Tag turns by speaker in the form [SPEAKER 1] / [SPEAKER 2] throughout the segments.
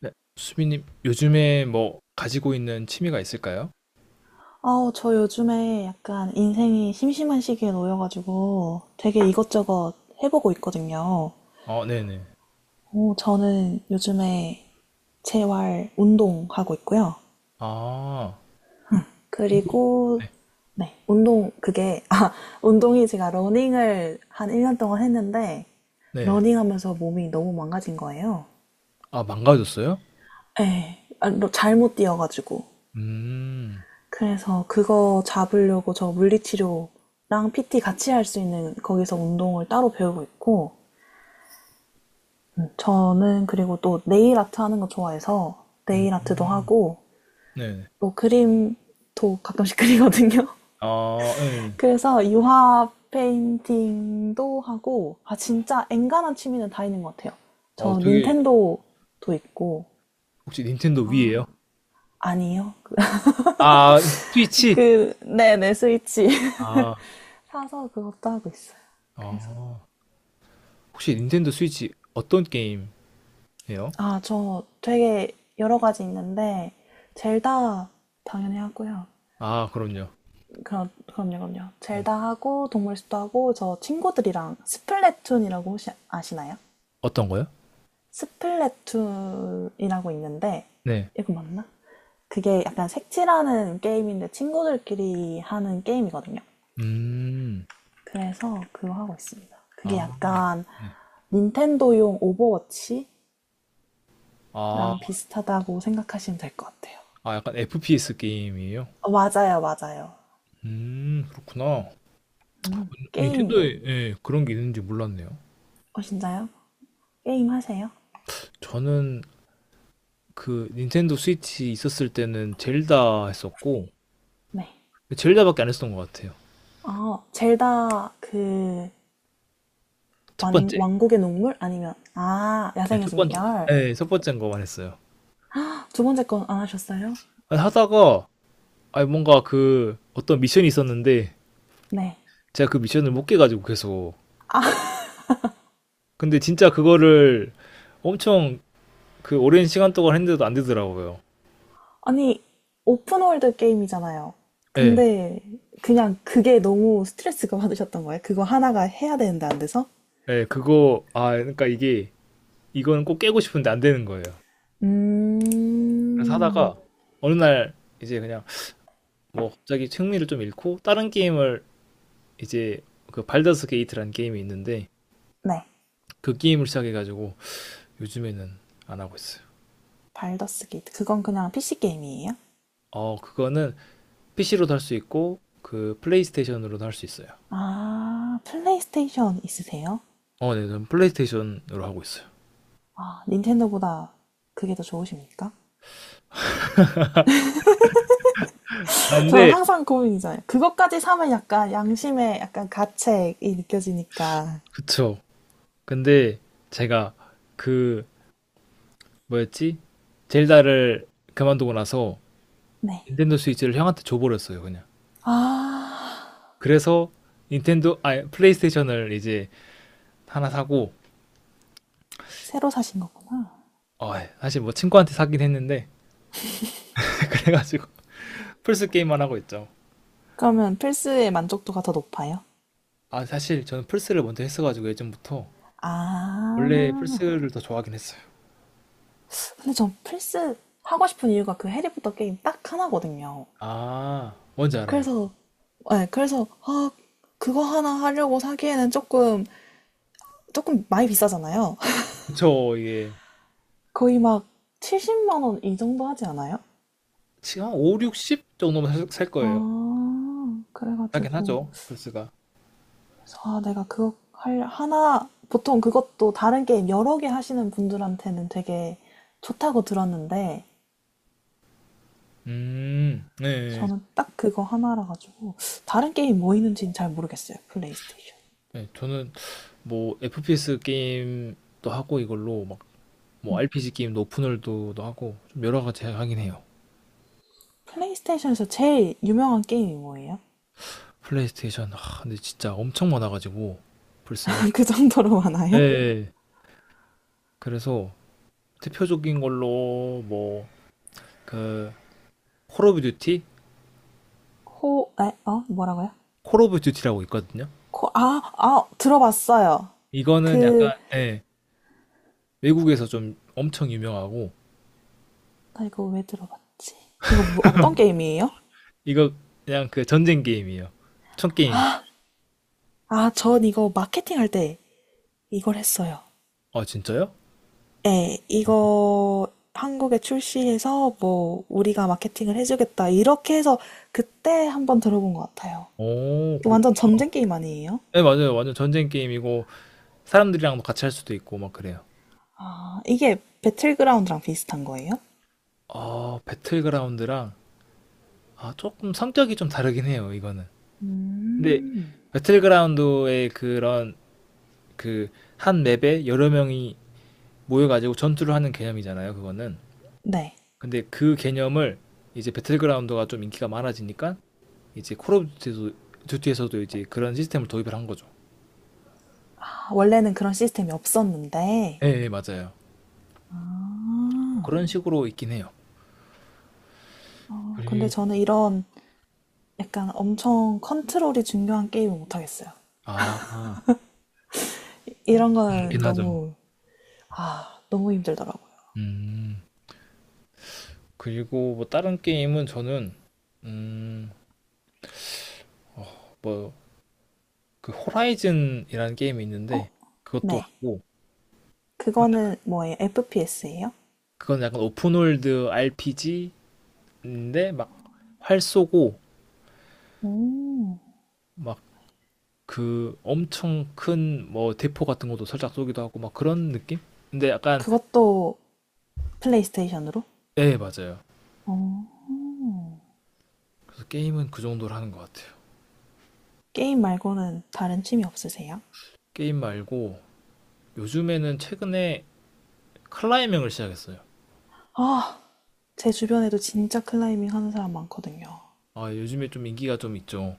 [SPEAKER 1] 네. 수빈님, 요즘에 뭐 가지고 있는 취미가 있을까요?
[SPEAKER 2] 아, 저 요즘에 약간 인생이 심심한 시기에 놓여가지고 되게 이것저것 해보고 있거든요.
[SPEAKER 1] 어, 네네.
[SPEAKER 2] 어, 저는 요즘에 재활 운동하고 있고요.
[SPEAKER 1] 아, 운동?
[SPEAKER 2] 그리고, 네, 운동, 그게, 아, 운동이 제가 러닝을 한 1년 동안 했는데,
[SPEAKER 1] 네.
[SPEAKER 2] 러닝하면서 몸이 너무 망가진 거예요.
[SPEAKER 1] 아, 망가졌어요?
[SPEAKER 2] 예, 아, 잘못 뛰어가지고.
[SPEAKER 1] 음.
[SPEAKER 2] 그래서 그거 잡으려고 저 물리치료랑 PT 같이 할 수 있는 거기서 운동을 따로 배우고 있고, 저는 그리고 또 네일 아트 하는 거 좋아해서 네일 아트도
[SPEAKER 1] 음,
[SPEAKER 2] 하고,
[SPEAKER 1] 네.
[SPEAKER 2] 또 그림도 가끔씩 그리거든요.
[SPEAKER 1] 아, 네.
[SPEAKER 2] 그래서 유화 페인팅도 하고, 아, 진짜 엔간한 취미는 다 있는 것 같아요.
[SPEAKER 1] 어,
[SPEAKER 2] 저
[SPEAKER 1] 되게,
[SPEAKER 2] 닌텐도도 있고,
[SPEAKER 1] 혹시 닌텐도
[SPEAKER 2] 아,
[SPEAKER 1] 위에요?
[SPEAKER 2] 아니요.
[SPEAKER 1] 아, 스위치?
[SPEAKER 2] 그, 네네, 스위치.
[SPEAKER 1] 아,
[SPEAKER 2] 사서 그것도 하고 있어요. 그래서
[SPEAKER 1] 아. 혹시 닌텐도 스위치 어떤 게임 해요?
[SPEAKER 2] 아, 저 되게 여러 가지 있는데, 젤다 당연히 하고요.
[SPEAKER 1] 아, 그럼요.
[SPEAKER 2] 그럼, 그럼요, 그럼요.
[SPEAKER 1] 네.
[SPEAKER 2] 젤다 하고, 동물 숲도 하고, 저 친구들이랑 스플래툰이라고 혹시 아시나요?
[SPEAKER 1] 어떤 거요?
[SPEAKER 2] 스플래툰이라고 있는데,
[SPEAKER 1] 네.
[SPEAKER 2] 이거 맞나? 그게 약간 색칠하는 게임인데, 친구들끼리 하는 게임이거든요.
[SPEAKER 1] 음,
[SPEAKER 2] 그래서 그거 하고 있습니다. 그게
[SPEAKER 1] 아,
[SPEAKER 2] 약간
[SPEAKER 1] 네.
[SPEAKER 2] 닌텐도용 오버워치랑
[SPEAKER 1] 아,
[SPEAKER 2] 비슷하다고 생각하시면 될 것 같아요.
[SPEAKER 1] 아, 약간 FPS 게임이에요?
[SPEAKER 2] 어, 맞아요, 맞아요.
[SPEAKER 1] 그렇구나.
[SPEAKER 2] 게임,
[SPEAKER 1] 닌텐도에 예, 그런 게 있는지 몰랐네요.
[SPEAKER 2] 어, 진짜요? 게임 하세요?
[SPEAKER 1] 저는 그 닌텐도 스위치 있었을 때는 젤다 했었고
[SPEAKER 2] 네.
[SPEAKER 1] 젤다밖에 안 했었던 것 같아요.
[SPEAKER 2] 아, 젤다, 그,
[SPEAKER 1] 첫
[SPEAKER 2] 왕,
[SPEAKER 1] 번째,
[SPEAKER 2] 왕국의 농물? 아니면, 아,
[SPEAKER 1] 네,
[SPEAKER 2] 야생의
[SPEAKER 1] 첫 번째,
[SPEAKER 2] 숨결.
[SPEAKER 1] 네, 첫 번째인 거만 했어요.
[SPEAKER 2] 두 번째 건 안 하셨어요?
[SPEAKER 1] 아니, 하다가 아니 뭔가 그 어떤 미션이 있었는데
[SPEAKER 2] 네.
[SPEAKER 1] 제가 그 미션을 못 깨가지고 계속, 근데 진짜 그거를 엄청 그 오랜 시간 동안 했는데도 안 되더라고요.
[SPEAKER 2] 아니, 오픈월드 게임이잖아요.
[SPEAKER 1] 예,
[SPEAKER 2] 근데, 그냥 그게 너무 스트레스가 받으셨던 거예요? 그거 하나가 해야 되는데 안 돼서?
[SPEAKER 1] 예, 그거 아 그러니까 이게 이거는 꼭 깨고 싶은데 안 되는 거예요. 그래서
[SPEAKER 2] 음,
[SPEAKER 1] 하다가 어느 날 이제 그냥 뭐 갑자기 흥미를 좀 잃고 다른 게임을, 이제 그 발더스 게이트라는 게임이 있는데
[SPEAKER 2] 네.
[SPEAKER 1] 그 게임을 시작해가지고 요즘에는 안 하고 있어요.
[SPEAKER 2] 발더스 게이트. 그건 그냥 PC 게임이에요?
[SPEAKER 1] 어 그거는 PC로도 할 수 있고 그 플레이스테이션으로도 할 수 있어요.
[SPEAKER 2] 아, 플레이스테이션 있으세요?
[SPEAKER 1] 어, 네, 저는 플레이스테이션으로 하고 있어요.
[SPEAKER 2] 아, 닌텐도보다 그게 더 좋으십니까?
[SPEAKER 1] 아,
[SPEAKER 2] 저는
[SPEAKER 1] 근데,
[SPEAKER 2] 항상 고민이잖아요. 그것까지 사면 약간 양심의 약간 가책이 느껴지니까.
[SPEAKER 1] 그쵸. 근데 제가 그 뭐였지? 젤다를 그만두고 나서
[SPEAKER 2] 네.
[SPEAKER 1] 닌텐도 스위치를 형한테 줘버렸어요, 그냥.
[SPEAKER 2] 아,
[SPEAKER 1] 그래서 닌텐도, 아니, 플레이스테이션을 이제 하나 사고
[SPEAKER 2] 새로 사신 거구나.
[SPEAKER 1] 어, 예. 사실 뭐 친구한테 사긴 했는데 그래가지고 플스 게임만 하고 있죠.
[SPEAKER 2] 그러면 플스의 만족도가 더 높아요?
[SPEAKER 1] 아 사실 저는 플스를 먼저 했어가지고 예전부터 원래
[SPEAKER 2] 아,
[SPEAKER 1] 플스를 더 좋아하긴 했어요.
[SPEAKER 2] 근데 전 플스 하고 싶은 이유가 그 해리포터 게임 딱 하나거든요.
[SPEAKER 1] 아 뭔지 알아요.
[SPEAKER 2] 그래서, 네, 그래서, 아, 그거 하나 하려고 사기에는 조금, 조금 많이 비싸잖아요.
[SPEAKER 1] 저 이게
[SPEAKER 2] 거의 막 70만 원 이 정도 하지 않아요?
[SPEAKER 1] 지금 한 5, 60 정도면 살 거예요.
[SPEAKER 2] 아. 그래
[SPEAKER 1] 하긴
[SPEAKER 2] 가지고
[SPEAKER 1] 하죠 플스가.
[SPEAKER 2] 그래서 아 내가 그거 할 하나 보통 그것도 다른 게임 여러 개 하시는 분들한테는 되게 좋다고 들었는데
[SPEAKER 1] 네, 네.
[SPEAKER 2] 저는 딱 그거 하나라 가지고 다른 게임 뭐 있는지는 잘 모르겠어요. 플레이스테이션.
[SPEAKER 1] 네, 저는 뭐 FPS 게임도 하고 이걸로 막 뭐 RPG 게임도 오픈월드도 하고 좀 여러 가지 하긴 해요.
[SPEAKER 2] 플레이스테이션에서 제일 유명한 게임이 뭐예요?
[SPEAKER 1] 플레이스테이션 아 근데 진짜 엄청 많아가지고 플스는.
[SPEAKER 2] 그 정도로 많아요?
[SPEAKER 1] 네. 그래서 대표적인 걸로 뭐 그 콜 오브 듀티?
[SPEAKER 2] 호, 에, 어? 뭐라고요?
[SPEAKER 1] 콜 오브 듀티라고 있거든요.
[SPEAKER 2] 코, 아, 아, 들어봤어요.
[SPEAKER 1] 이거는 약간
[SPEAKER 2] 그,
[SPEAKER 1] 예, 외국에서 좀 엄청 유명하고
[SPEAKER 2] 나 이거 왜 들어봤지? 이거 뭐, 어떤 게임이에요?
[SPEAKER 1] 이거 그냥 그 전쟁 게임이에요. 총 게임.
[SPEAKER 2] 아, 전 이거 마케팅할 때 이걸 했어요.
[SPEAKER 1] 아 진짜요?
[SPEAKER 2] 예, 이거 한국에 출시해서 뭐 우리가 마케팅을 해주겠다 이렇게 해서 그때 한번 들어본 것 같아요.
[SPEAKER 1] 오, 그렇
[SPEAKER 2] 완전 전쟁 게임 아니에요?
[SPEAKER 1] 네 맞아요. 완전 전쟁 게임이고 사람들이랑도 같이 할 수도 있고 막 그래요.
[SPEAKER 2] 아, 이게 배틀그라운드랑 비슷한 거예요?
[SPEAKER 1] 아 배틀그라운드랑 아 조금 성격이 좀 다르긴 해요 이거는. 근데
[SPEAKER 2] 음.
[SPEAKER 1] 배틀그라운드의 그런 그 한 맵에 여러 명이 모여가지고 전투를 하는 개념이잖아요 그거는.
[SPEAKER 2] 네.
[SPEAKER 1] 근데 그 개념을 이제 배틀그라운드가 좀 인기가 많아지니까 이제 콜 오브 듀티에서도 이제 그런 시스템을 도입을 한 거죠.
[SPEAKER 2] 아, 원래는 그런 시스템이
[SPEAKER 1] 예,
[SPEAKER 2] 없었는데,
[SPEAKER 1] 예, 맞아요.
[SPEAKER 2] 아.
[SPEAKER 1] 그런 식으로 있긴 해요.
[SPEAKER 2] 어, 근데
[SPEAKER 1] 그리고
[SPEAKER 2] 저는 이런 약간 엄청 컨트롤이 중요한 게임을 못하겠어요.
[SPEAKER 1] 아,
[SPEAKER 2] 이런 거는
[SPEAKER 1] 그렇긴 하죠.
[SPEAKER 2] 너무, 아, 너무 힘들더라고요.
[SPEAKER 1] 음. 그리고 뭐 다른 게임은 저는 음, 뭐 그 호라이즌이라는 게임이 있는데 그것도
[SPEAKER 2] 네.
[SPEAKER 1] 하고
[SPEAKER 2] 그거는 뭐예요? FPS예요?
[SPEAKER 1] 그건 약간 오픈월드 RPG인데 막 활 쏘고 막 그 엄청 큰 뭐 대포 같은 것도 살짝 쏘기도 하고 막 그런 느낌? 근데 약간
[SPEAKER 2] 그것도 플레이스테이션으로?
[SPEAKER 1] 네 맞아요. 그래서 게임은 그 정도로 하는 것 같아요.
[SPEAKER 2] 게임 말고는 다른 취미 없으세요?
[SPEAKER 1] 게임 말고 요즘에는 최근에 클라이밍을 시작했어요.
[SPEAKER 2] 아, 제 주변에도 진짜 클라이밍 하는 사람 많거든요.
[SPEAKER 1] 아 요즘에 좀 인기가 좀 있죠.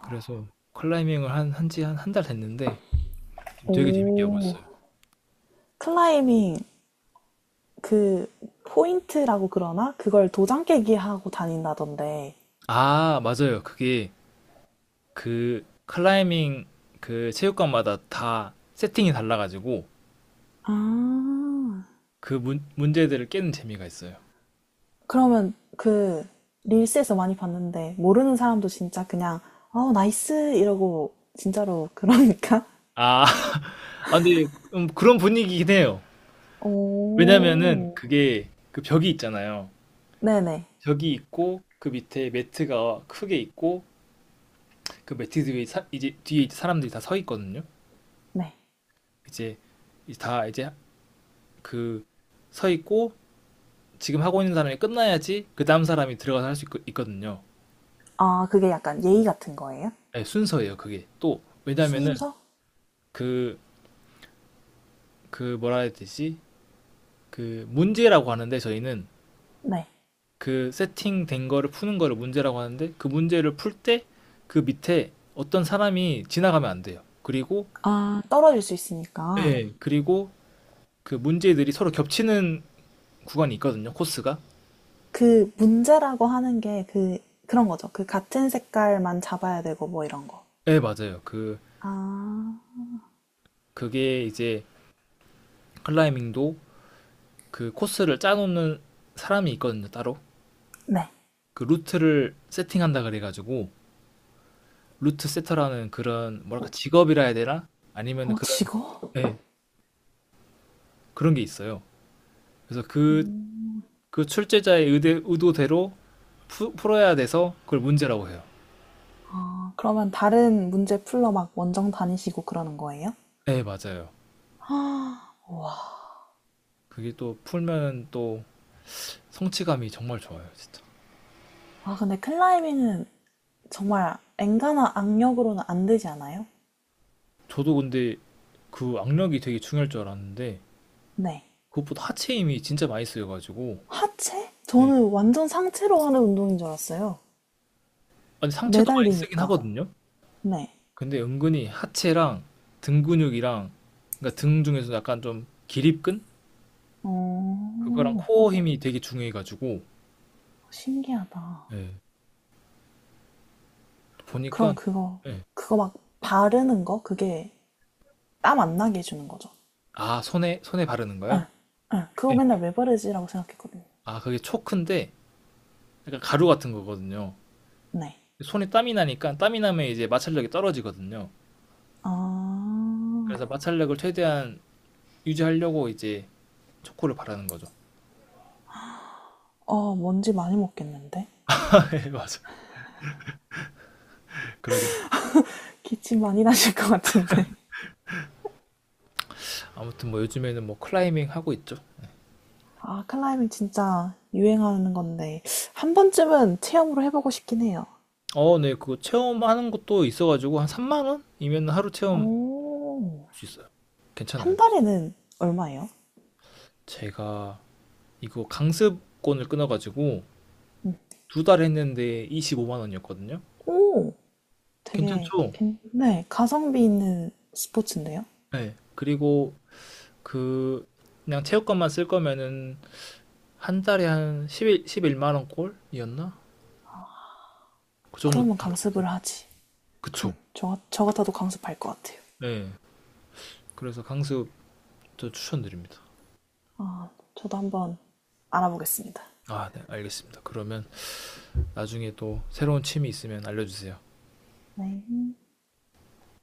[SPEAKER 1] 그래서 클라이밍을 한 한지 한 한 달 됐는데 지금 되게 재밌게 하고
[SPEAKER 2] 오,
[SPEAKER 1] 있어요.
[SPEAKER 2] 클라이밍 그 포인트라고 그러나 그걸 도장 깨기 하고 다닌다던데.
[SPEAKER 1] 아 맞아요. 그게 그 클라이밍 그 체육관마다 다 세팅이 달라가지고
[SPEAKER 2] 아,
[SPEAKER 1] 그 문제들을 깨는 재미가 있어요.
[SPEAKER 2] 그러면 그 릴스에서 많이 봤는데 모르는 사람도 진짜 그냥 어 나이스 이러고 진짜로 그러니까.
[SPEAKER 1] 아, 아 근데 그런 분위기긴 해요. 왜냐면은
[SPEAKER 2] 오.
[SPEAKER 1] 그게 그 벽이 있잖아요.
[SPEAKER 2] 네네.
[SPEAKER 1] 벽이 있고 그 밑에 매트가 크게 있고 그 매트 뒤에 이제 뒤에 이제 사람들이 다 서 있거든요.
[SPEAKER 2] 네.
[SPEAKER 1] 이제 이제 다 이제 그 서 있고 지금 하고 있는 사람이 끝나야지 그 다음 사람이 들어가서 할 수 있거든요.
[SPEAKER 2] 아, 그게 약간 예의 같은 거예요?
[SPEAKER 1] 네, 순서예요, 그게. 또 왜냐면은
[SPEAKER 2] 순서?
[SPEAKER 1] 그 그 뭐라 해야 되지? 그 문제라고 하는데 저희는
[SPEAKER 2] 네.
[SPEAKER 1] 그 세팅된 거를 푸는 거를 문제라고 하는데 그 문제를 풀 때 그 밑에 어떤 사람이 지나가면 안 돼요. 그리고
[SPEAKER 2] 아, 떨어질 수 있으니까.
[SPEAKER 1] 예, 그리고 그 문제들이 서로 겹치는 구간이 있거든요, 코스가.
[SPEAKER 2] 그 문제라고 하는 게 그, 그런 거죠. 그 같은 색깔만 잡아야 되고 뭐 이런 거.
[SPEAKER 1] 예, 맞아요. 그,
[SPEAKER 2] 아,
[SPEAKER 1] 그게 이제 클라이밍도 그 코스를 짜놓는 사람이 있거든요, 따로.
[SPEAKER 2] 네.
[SPEAKER 1] 그 루트를 세팅한다 그래가지고, 루트 세터라는 그런, 뭐랄까, 직업이라 해야 되나? 아니면
[SPEAKER 2] 어,
[SPEAKER 1] 그런,
[SPEAKER 2] 지거?
[SPEAKER 1] 예, 그런 게 있어요. 그래서 그, 그 출제자의 의도대로 풀어야 돼서 그걸 문제라고 해요.
[SPEAKER 2] 아, 그러면 다른 문제 풀러 막 원정 다니시고 그러는 거예요?
[SPEAKER 1] 예, 맞아요.
[SPEAKER 2] 아,
[SPEAKER 1] 그게 또 풀면 또 성취감이 정말 좋아요, 진짜.
[SPEAKER 2] 아, 근데 클라이밍은 정말 엔간한 악력으로는 안 되지 않아요?
[SPEAKER 1] 저도 근데 그 악력이 되게 중요할 줄 알았는데
[SPEAKER 2] 네.
[SPEAKER 1] 그것보다 하체 힘이 진짜 많이 쓰여가지고.
[SPEAKER 2] 하체?
[SPEAKER 1] 네.
[SPEAKER 2] 저는 완전 상체로 하는 운동인 줄 알았어요.
[SPEAKER 1] 아니 상체도 많이 쓰긴
[SPEAKER 2] 매달리니까.
[SPEAKER 1] 하거든요.
[SPEAKER 2] 네.
[SPEAKER 1] 근데 은근히 하체랑 등 근육이랑 그러니까 등 중에서 약간 좀 기립근
[SPEAKER 2] 어,
[SPEAKER 1] 그거랑
[SPEAKER 2] 어,
[SPEAKER 1] 코어 힘이 되게 중요해가지고.
[SPEAKER 2] 신기하다.
[SPEAKER 1] 예, 보니까
[SPEAKER 2] 그럼 그거,
[SPEAKER 1] 예.
[SPEAKER 2] 그거 막 바르는 거? 그게 땀 안 나게 해주는 거죠.
[SPEAKER 1] 아 손에 바르는 거야?
[SPEAKER 2] 응, 응. 그거
[SPEAKER 1] 예.
[SPEAKER 2] 맨날 왜 바르지라고 생각했거든요.
[SPEAKER 1] 아 그게 초크인데 약간 가루 같은 거거든요.
[SPEAKER 2] 네.
[SPEAKER 1] 손에 땀이 나니까 땀이 나면 이제 마찰력이 떨어지거든요.
[SPEAKER 2] 아,
[SPEAKER 1] 그래서 마찰력을 최대한 유지하려고 이제 초코를 바르는 거죠.
[SPEAKER 2] 어, 먼지 많이 먹겠는데?
[SPEAKER 1] 예, 맞아. 그러긴
[SPEAKER 2] 기침 많이 나실 것 같은데.
[SPEAKER 1] 아무튼 뭐 요즘에는 뭐 클라이밍 하고 있죠.
[SPEAKER 2] 아, 클라이밍 진짜 유행하는 건데, 한 번쯤은 체험으로 해보고 싶긴 해요.
[SPEAKER 1] 어, 네, 그거 체험하는 것도 있어가지고 한 3만 원이면 하루 체험
[SPEAKER 2] 오,
[SPEAKER 1] 할 수 있어요. 괜찮아요.
[SPEAKER 2] 한 달에는 얼마예요?
[SPEAKER 1] 제가 이거 강습권을 끊어가지고 두 달 했는데 25만 원이었거든요.
[SPEAKER 2] 응. 오, 되게,
[SPEAKER 1] 괜찮죠?
[SPEAKER 2] 네, 가성비 있는 스포츠인데요?
[SPEAKER 1] 네. 그리고 그 그냥 체육관만 쓸 거면은 한 달에 한 11만 원 꼴이었나? 그 정도.
[SPEAKER 2] 그러면 강습을 하지.
[SPEAKER 1] 그쵸.
[SPEAKER 2] 그럼 저, 저 같아도 강습할 것 같아요.
[SPEAKER 1] 네. 그래서 강습 저 추천드립니다.
[SPEAKER 2] 저도 한번 알아보겠습니다.
[SPEAKER 1] 아, 네, 알겠습니다. 그러면 나중에 또 새로운 취미 있으면 알려주세요.
[SPEAKER 2] 네.